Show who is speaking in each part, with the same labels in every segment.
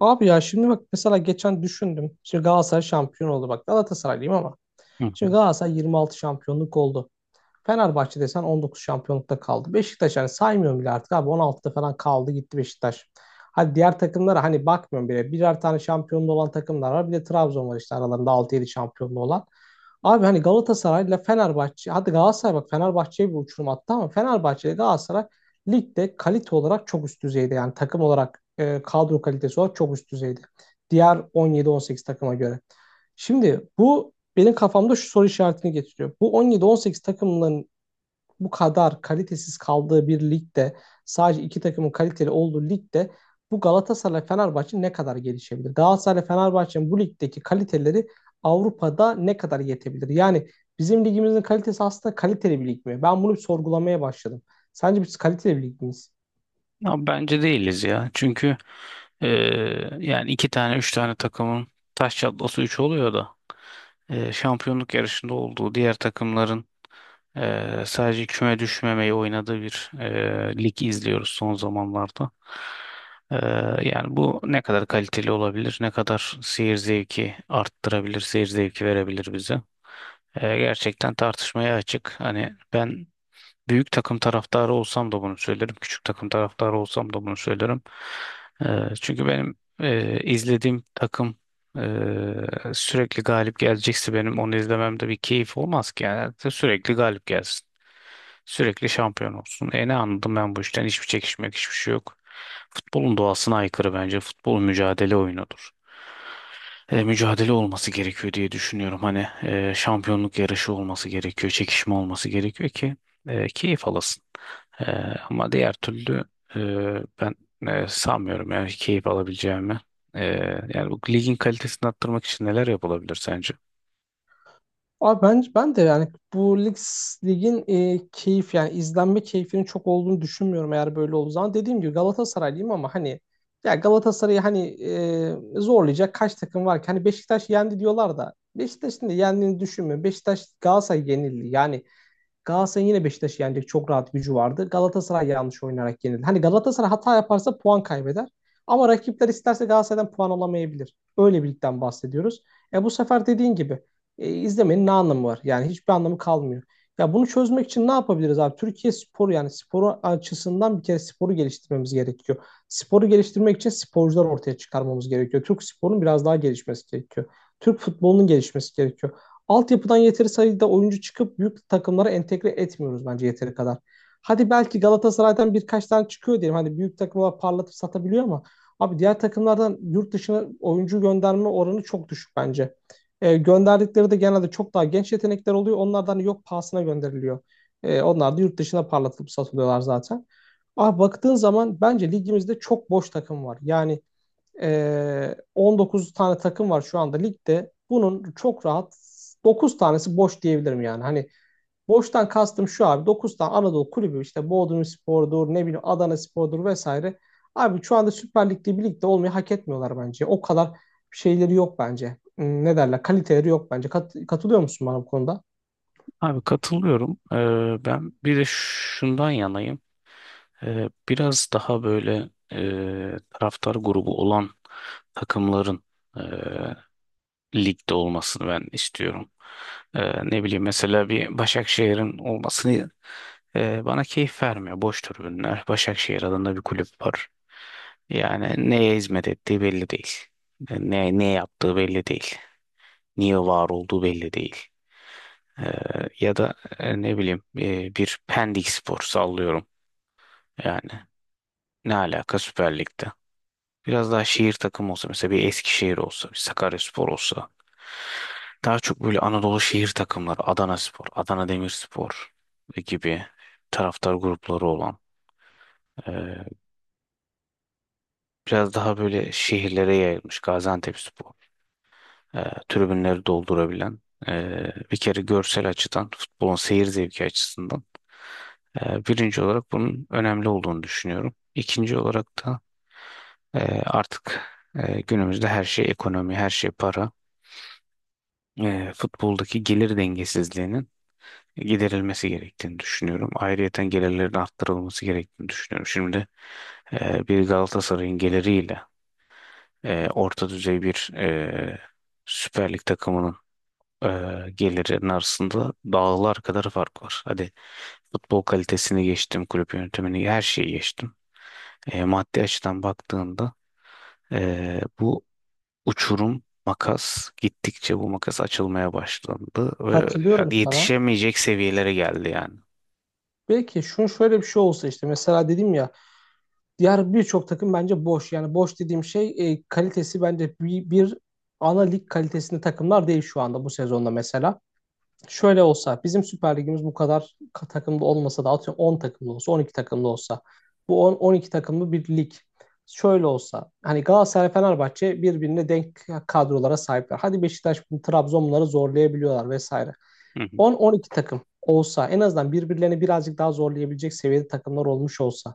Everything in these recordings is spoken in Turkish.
Speaker 1: Abi ya şimdi bak mesela geçen düşündüm. Şimdi Galatasaray şampiyon oldu. Bak Galatasaraylıyım ama.
Speaker 2: Hı hı.
Speaker 1: Şimdi Galatasaray 26 şampiyonluk oldu. Fenerbahçe desen 19 şampiyonlukta kaldı. Beşiktaş hani saymıyorum bile artık abi 16'da falan kaldı gitti Beşiktaş. Hadi diğer takımlara hani bakmıyorum bile. Birer tane şampiyonluğu olan takımlar var. Bir de Trabzon var işte aralarında altı yedi şampiyonluğu olan. Abi hani Galatasaray ile Fenerbahçe, hadi Galatasaray bak Fenerbahçe'ye bir uçurum attı ama Fenerbahçe ile Galatasaray ligde kalite olarak çok üst düzeyde. Yani takım olarak kadro kalitesi olarak çok üst düzeyde. Diğer 17-18 takıma göre. Şimdi bu benim kafamda şu soru işaretini getiriyor. Bu 17-18 takımların bu kadar kalitesiz kaldığı bir ligde, sadece iki takımın kaliteli olduğu ligde bu Galatasaray Fenerbahçe ne kadar gelişebilir? Galatasaray Fenerbahçe'nin bu ligdeki kaliteleri Avrupa'da ne kadar yetebilir? Yani bizim ligimizin kalitesi aslında kaliteli bir lig mi? Ben bunu bir sorgulamaya başladım. Sence biz kaliteli bir lig miyiz?
Speaker 2: Ya bence değiliz ya. Çünkü e, yani iki tane üç tane takımın taş çatlası üç oluyor da şampiyonluk yarışında olduğu diğer takımların sadece küme düşmemeyi oynadığı bir lig izliyoruz son zamanlarda. E, Yani bu ne kadar kaliteli olabilir, ne kadar seyir zevki arttırabilir, seyir zevki verebilir bize. Gerçekten tartışmaya açık. Hani ben büyük takım taraftarı olsam da bunu söylerim. Küçük takım taraftarı olsam da bunu söylerim. Ee, Çünkü benim izlediğim takım sürekli galip gelecekse benim onu izlememde bir keyif olmaz ki. Yani sürekli galip gelsin. Sürekli şampiyon olsun. E ne anladım ben bu işten? Hiçbir çekişmek, hiçbir şey yok. Futbolun doğasına aykırı bence. Futbol mücadele oyunudur, mücadele olması gerekiyor diye düşünüyorum. Hani şampiyonluk yarışı olması gerekiyor, çekişme olması gerekiyor ki keyif alasın. E, Ama diğer türlü e, ben sanmıyorum yani keyif alabileceğimi. E, Yani bu ligin kalitesini arttırmak için neler yapılabilir sence?
Speaker 1: Abi ben de yani bu lig, ligin keyif yani izlenme keyfinin çok olduğunu düşünmüyorum eğer böyle olduğu zaman. Dediğim gibi Galatasaraylıyım ama hani ya Galatasaray'ı hani zorlayacak kaç takım var ki? Hani Beşiktaş yendi diyorlar da Beşiktaş'ın da yendiğini düşünmüyorum. Beşiktaş Galatasaray yenildi. Yani Galatasaray'ın yine Beşiktaş'ı yenecek çok rahat gücü vardı. Galatasaray yanlış oynayarak yenildi. Hani Galatasaray hata yaparsa puan kaybeder. Ama rakipler isterse Galatasaray'dan puan alamayabilir. Öyle bir ligden bahsediyoruz. E bu sefer dediğin gibi izlemenin ne anlamı var? Yani hiçbir anlamı kalmıyor. Ya bunu çözmek için ne yapabiliriz abi? Türkiye sporu yani sporu açısından bir kere sporu geliştirmemiz gerekiyor. Sporu geliştirmek için sporcular ortaya çıkarmamız gerekiyor. Türk sporunun biraz daha gelişmesi gerekiyor. Türk futbolunun gelişmesi gerekiyor. Altyapıdan yeteri sayıda oyuncu çıkıp büyük takımlara entegre etmiyoruz bence yeteri kadar. Hadi belki Galatasaray'dan birkaç tane çıkıyor diyelim. Hani büyük takımlar parlatıp satabiliyor ama abi diğer takımlardan yurt dışına oyuncu gönderme oranı çok düşük bence. Gönderdikleri de genelde çok daha genç yetenekler oluyor. Onlardan hani yok pahasına gönderiliyor. Onlar da yurt dışına parlatılıp satılıyorlar zaten. Abi baktığın zaman bence ligimizde çok boş takım var. Yani 19 tane takım var şu anda ligde. Bunun çok rahat 9 tanesi boş diyebilirim yani. Hani boştan kastım şu abi, 9 tane Anadolu kulübü işte Bodrumspor'dur, ne bileyim Adanaspor'dur vesaire. Abi şu anda Süper Lig'de bir ligde olmayı hak etmiyorlar bence. O kadar şeyleri yok bence. Ne derler? Kaliteleri yok bence. Katılıyor musun bana bu konuda?
Speaker 2: Abi katılıyorum. Ben bir de şundan yanayım. Biraz daha böyle taraftar grubu olan takımların e, ligde olmasını ben istiyorum. Ne bileyim mesela bir Başakşehir'in olmasını, bana keyif vermiyor. Boş tribünler. Başakşehir adında bir kulüp var. Yani neye hizmet ettiği belli değil. Ne yaptığı belli değil. Niye var olduğu belli değil. Ee, Ya da ne bileyim, bir Pendik Spor sallıyorum. Yani ne alaka Süper Lig'de. Biraz daha şehir takımı olsa mesela bir Eskişehir olsa, bir Sakaryaspor olsa. Daha çok böyle Anadolu şehir takımları, Adanaspor, Adana Demirspor gibi taraftar grupları olan e, biraz daha böyle şehirlere yayılmış Gaziantepspor, tribünleri doldurabilen e, bir kere görsel açıdan futbolun seyir zevki açısından, birinci olarak bunun önemli olduğunu düşünüyorum. İkinci olarak da e, artık günümüzde her şey ekonomi, her şey para. Futboldaki gelir dengesizliğinin giderilmesi gerektiğini düşünüyorum. Ayrıyeten gelirlerin arttırılması gerektiğini düşünüyorum. Şimdi bir Galatasaray'ın geliriyle orta düzey bir Süper Lig takımının e, gelirinin arasında dağlar kadar fark var. Hadi futbol kalitesini geçtim, kulüp yönetimini her şeyi geçtim. Maddi açıdan baktığında, bu uçurum makas gittikçe bu makas açılmaya başlandı ve
Speaker 1: Katılıyorum
Speaker 2: yani
Speaker 1: sana.
Speaker 2: yetişemeyecek seviyelere geldi yani.
Speaker 1: Belki şunu, şöyle bir şey olsa işte, mesela dedim ya, diğer birçok takım bence boş. Yani boş dediğim şey kalitesi bence bir ana lig kalitesinde takımlar değil şu anda bu sezonda mesela. Şöyle olsa, bizim Süper Ligimiz bu kadar takımda olmasa da, atıyorum 10 takımda olsa, 12 takımda olsa, bu 10 12 takımlı bir lig şöyle olsa, hani Galatasaray Fenerbahçe birbirine denk kadrolara sahipler. Hadi Beşiktaş bunu, Trabzon bunları zorlayabiliyorlar vesaire.
Speaker 2: Hı hı.
Speaker 1: 10 12 takım olsa en azından birbirlerini birazcık daha zorlayabilecek seviyede takımlar olmuş olsa,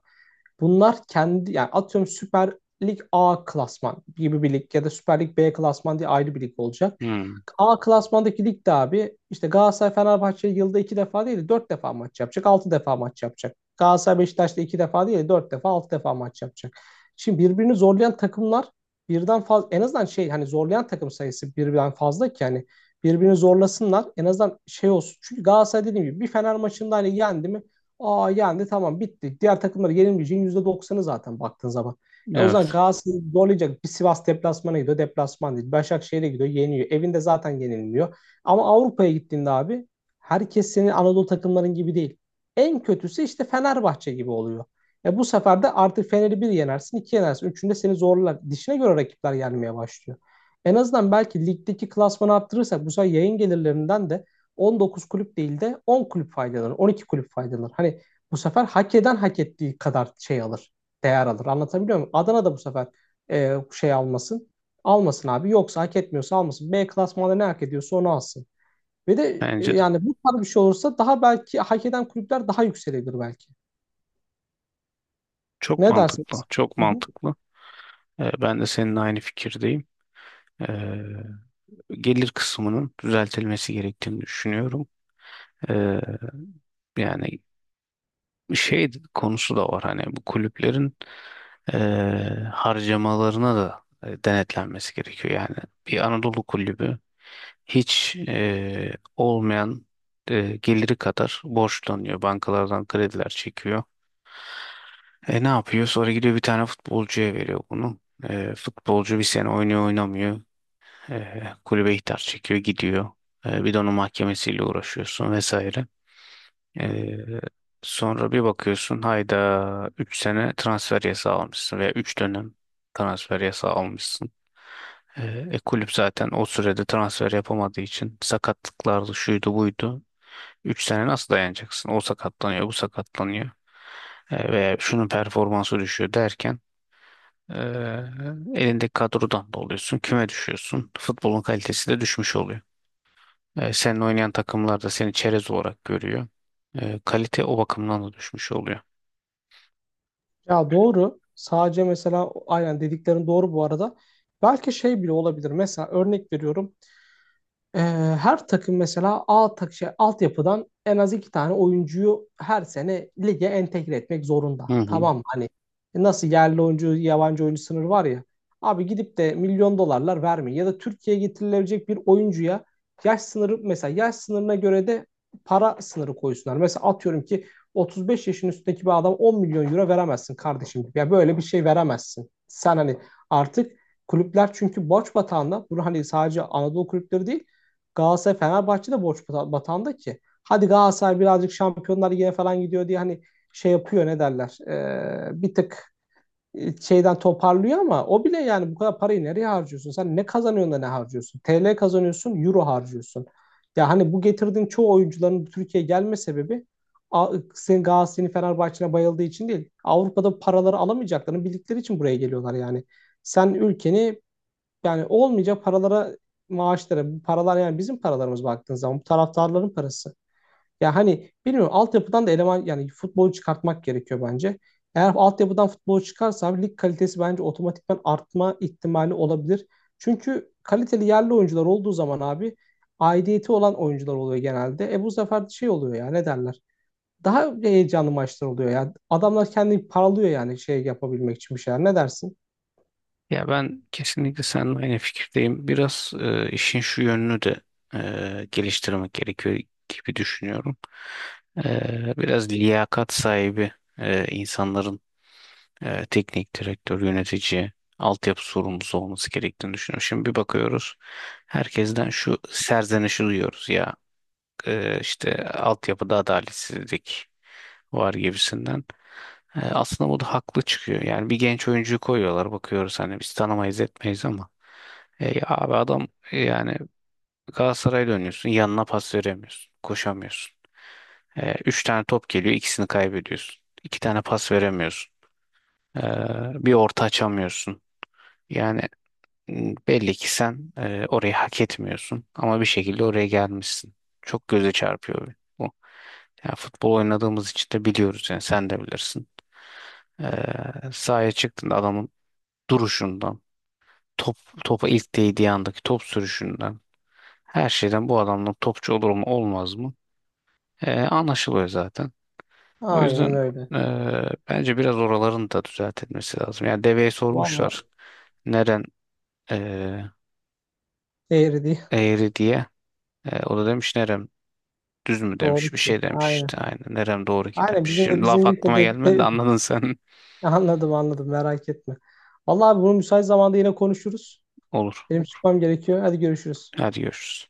Speaker 1: bunlar kendi yani atıyorum Süper Lig A klasman gibi bir lig, ya da Süper Lig B klasman diye ayrı bir lig olacak.
Speaker 2: Hı.
Speaker 1: A klasmandaki ligde abi işte Galatasaray Fenerbahçe yılda iki defa değil de dört defa maç yapacak. Altı defa maç yapacak. Galatasaray Beşiktaş'ta iki defa değil de dört defa, altı defa maç yapacak. Şimdi birbirini zorlayan takımlar birden fazla, en azından şey, hani zorlayan takım sayısı birden fazla ki hani birbirini zorlasınlar, en azından şey olsun. Çünkü Galatasaray, dediğim gibi, bir Fener maçında hani yendi mi, aa yendi tamam bitti. Diğer takımları yenilmeyeceğin yüzde doksanı zaten baktığın zaman. E o zaman
Speaker 2: Evet,
Speaker 1: Galatasaray'ı zorlayacak, bir Sivas deplasmana gidiyor. Deplasman değil, Başakşehir'e gidiyor. Yeniyor. Evinde zaten yenilmiyor. Ama Avrupa'ya gittiğinde abi herkes senin Anadolu takımların gibi değil. En kötüsü işte Fenerbahçe gibi oluyor. E bu sefer de artık Fener'i bir yenersin, iki yenersin. Üçünde seni zorlar. Dişine göre rakipler gelmeye başlıyor. En azından belki ligdeki klasmanı arttırırsak, bu sefer yayın gelirlerinden de 19 kulüp değil de 10 kulüp faydalanır, 12 kulüp faydalanır. Hani bu sefer hak eden hak ettiği kadar şey alır, değer alır. Anlatabiliyor muyum? Adana da bu sefer şey almasın. Almasın abi. Yoksa hak etmiyorsa almasın. B klasmanda ne hak ediyorsa onu alsın. Ve de
Speaker 2: bence de.
Speaker 1: yani bu tarz bir şey olursa daha belki hak eden kulüpler daha yükselebilir belki.
Speaker 2: Çok
Speaker 1: Ne
Speaker 2: mantıklı,
Speaker 1: dersiniz?
Speaker 2: çok
Speaker 1: Hı hı.
Speaker 2: mantıklı. Ben de seninle aynı fikirdeyim. Ee, Gelir kısmının düzeltilmesi gerektiğini düşünüyorum. Ee, Yani şey konusu da var hani bu kulüplerin harcamalarına da denetlenmesi gerekiyor. Yani bir Anadolu kulübü hiç olmayan geliri kadar borçlanıyor. Bankalardan krediler çekiyor. E ne yapıyor? Sonra gidiyor bir tane futbolcuya veriyor bunu. E, futbolcu bir sene oynuyor oynamıyor. E, kulübe ihtar çekiyor gidiyor. E, bir de onun mahkemesiyle uğraşıyorsun vesaire. Ee, Sonra bir bakıyorsun hayda 3 sene transfer yasağı almışsın veya 3 dönem transfer yasağı almışsın. Kulüp zaten o sürede transfer yapamadığı için sakatlıklardı şuydu buydu. 3 sene nasıl dayanacaksın? O sakatlanıyor, bu sakatlanıyor. E, veya şunun performansı düşüyor derken e, elindeki kadrodan da oluyorsun. Küme düşüyorsun. Futbolun kalitesi de düşmüş oluyor. Senin oynayan takımlar da seni çerez olarak görüyor. Kalite o bakımdan da düşmüş oluyor.
Speaker 1: Ya doğru. Sadece mesela, aynen dediklerin doğru bu arada. Belki şey bile olabilir. Mesela örnek veriyorum. Ee, Her takım mesela A tak şey, altyapıdan en az iki tane oyuncuyu her sene lige entegre etmek zorunda.
Speaker 2: Hı hı.
Speaker 1: Tamam mı? Hani nasıl yerli oyuncu, yabancı oyuncu sınırı var ya. Abi gidip de milyon dolarlar vermeyin. Ya da Türkiye'ye getirilebilecek bir oyuncuya yaş sınırı, mesela yaş sınırına göre de para sınırı koysunlar. Mesela atıyorum ki 35 yaşın üstündeki bir adam 10 milyon euro veremezsin kardeşim gibi. Ya böyle bir şey veremezsin. Sen hani artık, kulüpler çünkü borç batağında. Bunu hani sadece Anadolu kulüpleri değil, Galatasaray Fenerbahçe de borç batağında ki. Hadi Galatasaray birazcık Şampiyonlar Ligi'ne falan gidiyor diye hani şey yapıyor, ne derler. Bir tık şeyden toparlıyor, ama o bile yani bu kadar parayı nereye harcıyorsun? Sen ne kazanıyorsun da ne harcıyorsun? TL kazanıyorsun, euro harcıyorsun. Ya hani bu getirdiğin çoğu oyuncuların Türkiye'ye gelme sebebi senin Galatasaray'ın Fenerbahçe'ne bayıldığı için değil. Avrupa'da paraları alamayacaklarını bildikleri için buraya geliyorlar yani. Sen ülkeni, yani olmayacak paralara, maaşlara, bu paralar yani bizim paralarımız baktığın zaman, bu taraftarların parası. Ya hani bilmiyorum, altyapıdan da eleman yani futbolu çıkartmak gerekiyor bence. Eğer altyapıdan futbolu çıkarsa abi lig kalitesi bence otomatikman artma ihtimali olabilir. Çünkü kaliteli yerli oyuncular olduğu zaman abi aidiyeti olan oyuncular oluyor genelde. E bu sefer şey oluyor ya, ne derler? Daha heyecanlı maçlar oluyor. Yani adamlar kendini paralıyor yani şey yapabilmek için bir şeyler. Ne dersin?
Speaker 2: Ya ben kesinlikle seninle aynı fikirdeyim. Biraz işin şu yönünü de geliştirmek gerekiyor gibi düşünüyorum. Biraz liyakat sahibi insanların teknik direktör, yönetici, altyapı sorumlusu olması gerektiğini düşünüyorum. Şimdi bir bakıyoruz. Herkesten şu serzenişi duyuyoruz ya. İşte altyapıda adaletsizlik var gibisinden. E, aslında bu da haklı çıkıyor. Yani bir genç oyuncuyu koyuyorlar bakıyoruz hani biz tanımayız etmeyiz ama ya abi adam, yani Galatasaray'a dönüyorsun yanına pas veremiyorsun koşamıyorsun. E, üç tane top geliyor ikisini kaybediyorsun. İki tane pas veremiyorsun. E, Bir orta açamıyorsun. Yani belli ki sen orayı hak etmiyorsun ama bir şekilde oraya gelmişsin. Çok göze çarpıyor bu. Yani futbol oynadığımız için de biliyoruz yani sen de bilirsin. Sahaya çıktığında adamın duruşundan, top topa ilk değdiği andaki top sürüşünden, her şeyden bu adamın topçu olur mu olmaz mı? Anlaşılıyor zaten. O yüzden
Speaker 1: Aynen öyle.
Speaker 2: bence biraz oraların da düzeltilmesi lazım. Yani deveye sormuşlar
Speaker 1: Vallahi
Speaker 2: neren ee,
Speaker 1: değeri değil.
Speaker 2: eğri diye. E, o da demiş nerem düz mü
Speaker 1: Doğru
Speaker 2: demiş bir
Speaker 1: ki.
Speaker 2: şey demiş
Speaker 1: Aynen.
Speaker 2: işte aynen nerem doğru ki
Speaker 1: Aynen
Speaker 2: demiş.
Speaker 1: bizim de
Speaker 2: Şimdi laf
Speaker 1: bizim ligde
Speaker 2: aklıma
Speaker 1: de,
Speaker 2: gelmedi de
Speaker 1: de-
Speaker 2: anladın sen.
Speaker 1: Anladım anladım, merak etme. Vallahi bunu müsait zamanda yine konuşuruz.
Speaker 2: Olur
Speaker 1: Benim
Speaker 2: olur.
Speaker 1: çıkmam gerekiyor. Hadi görüşürüz.
Speaker 2: Hadi görüşürüz.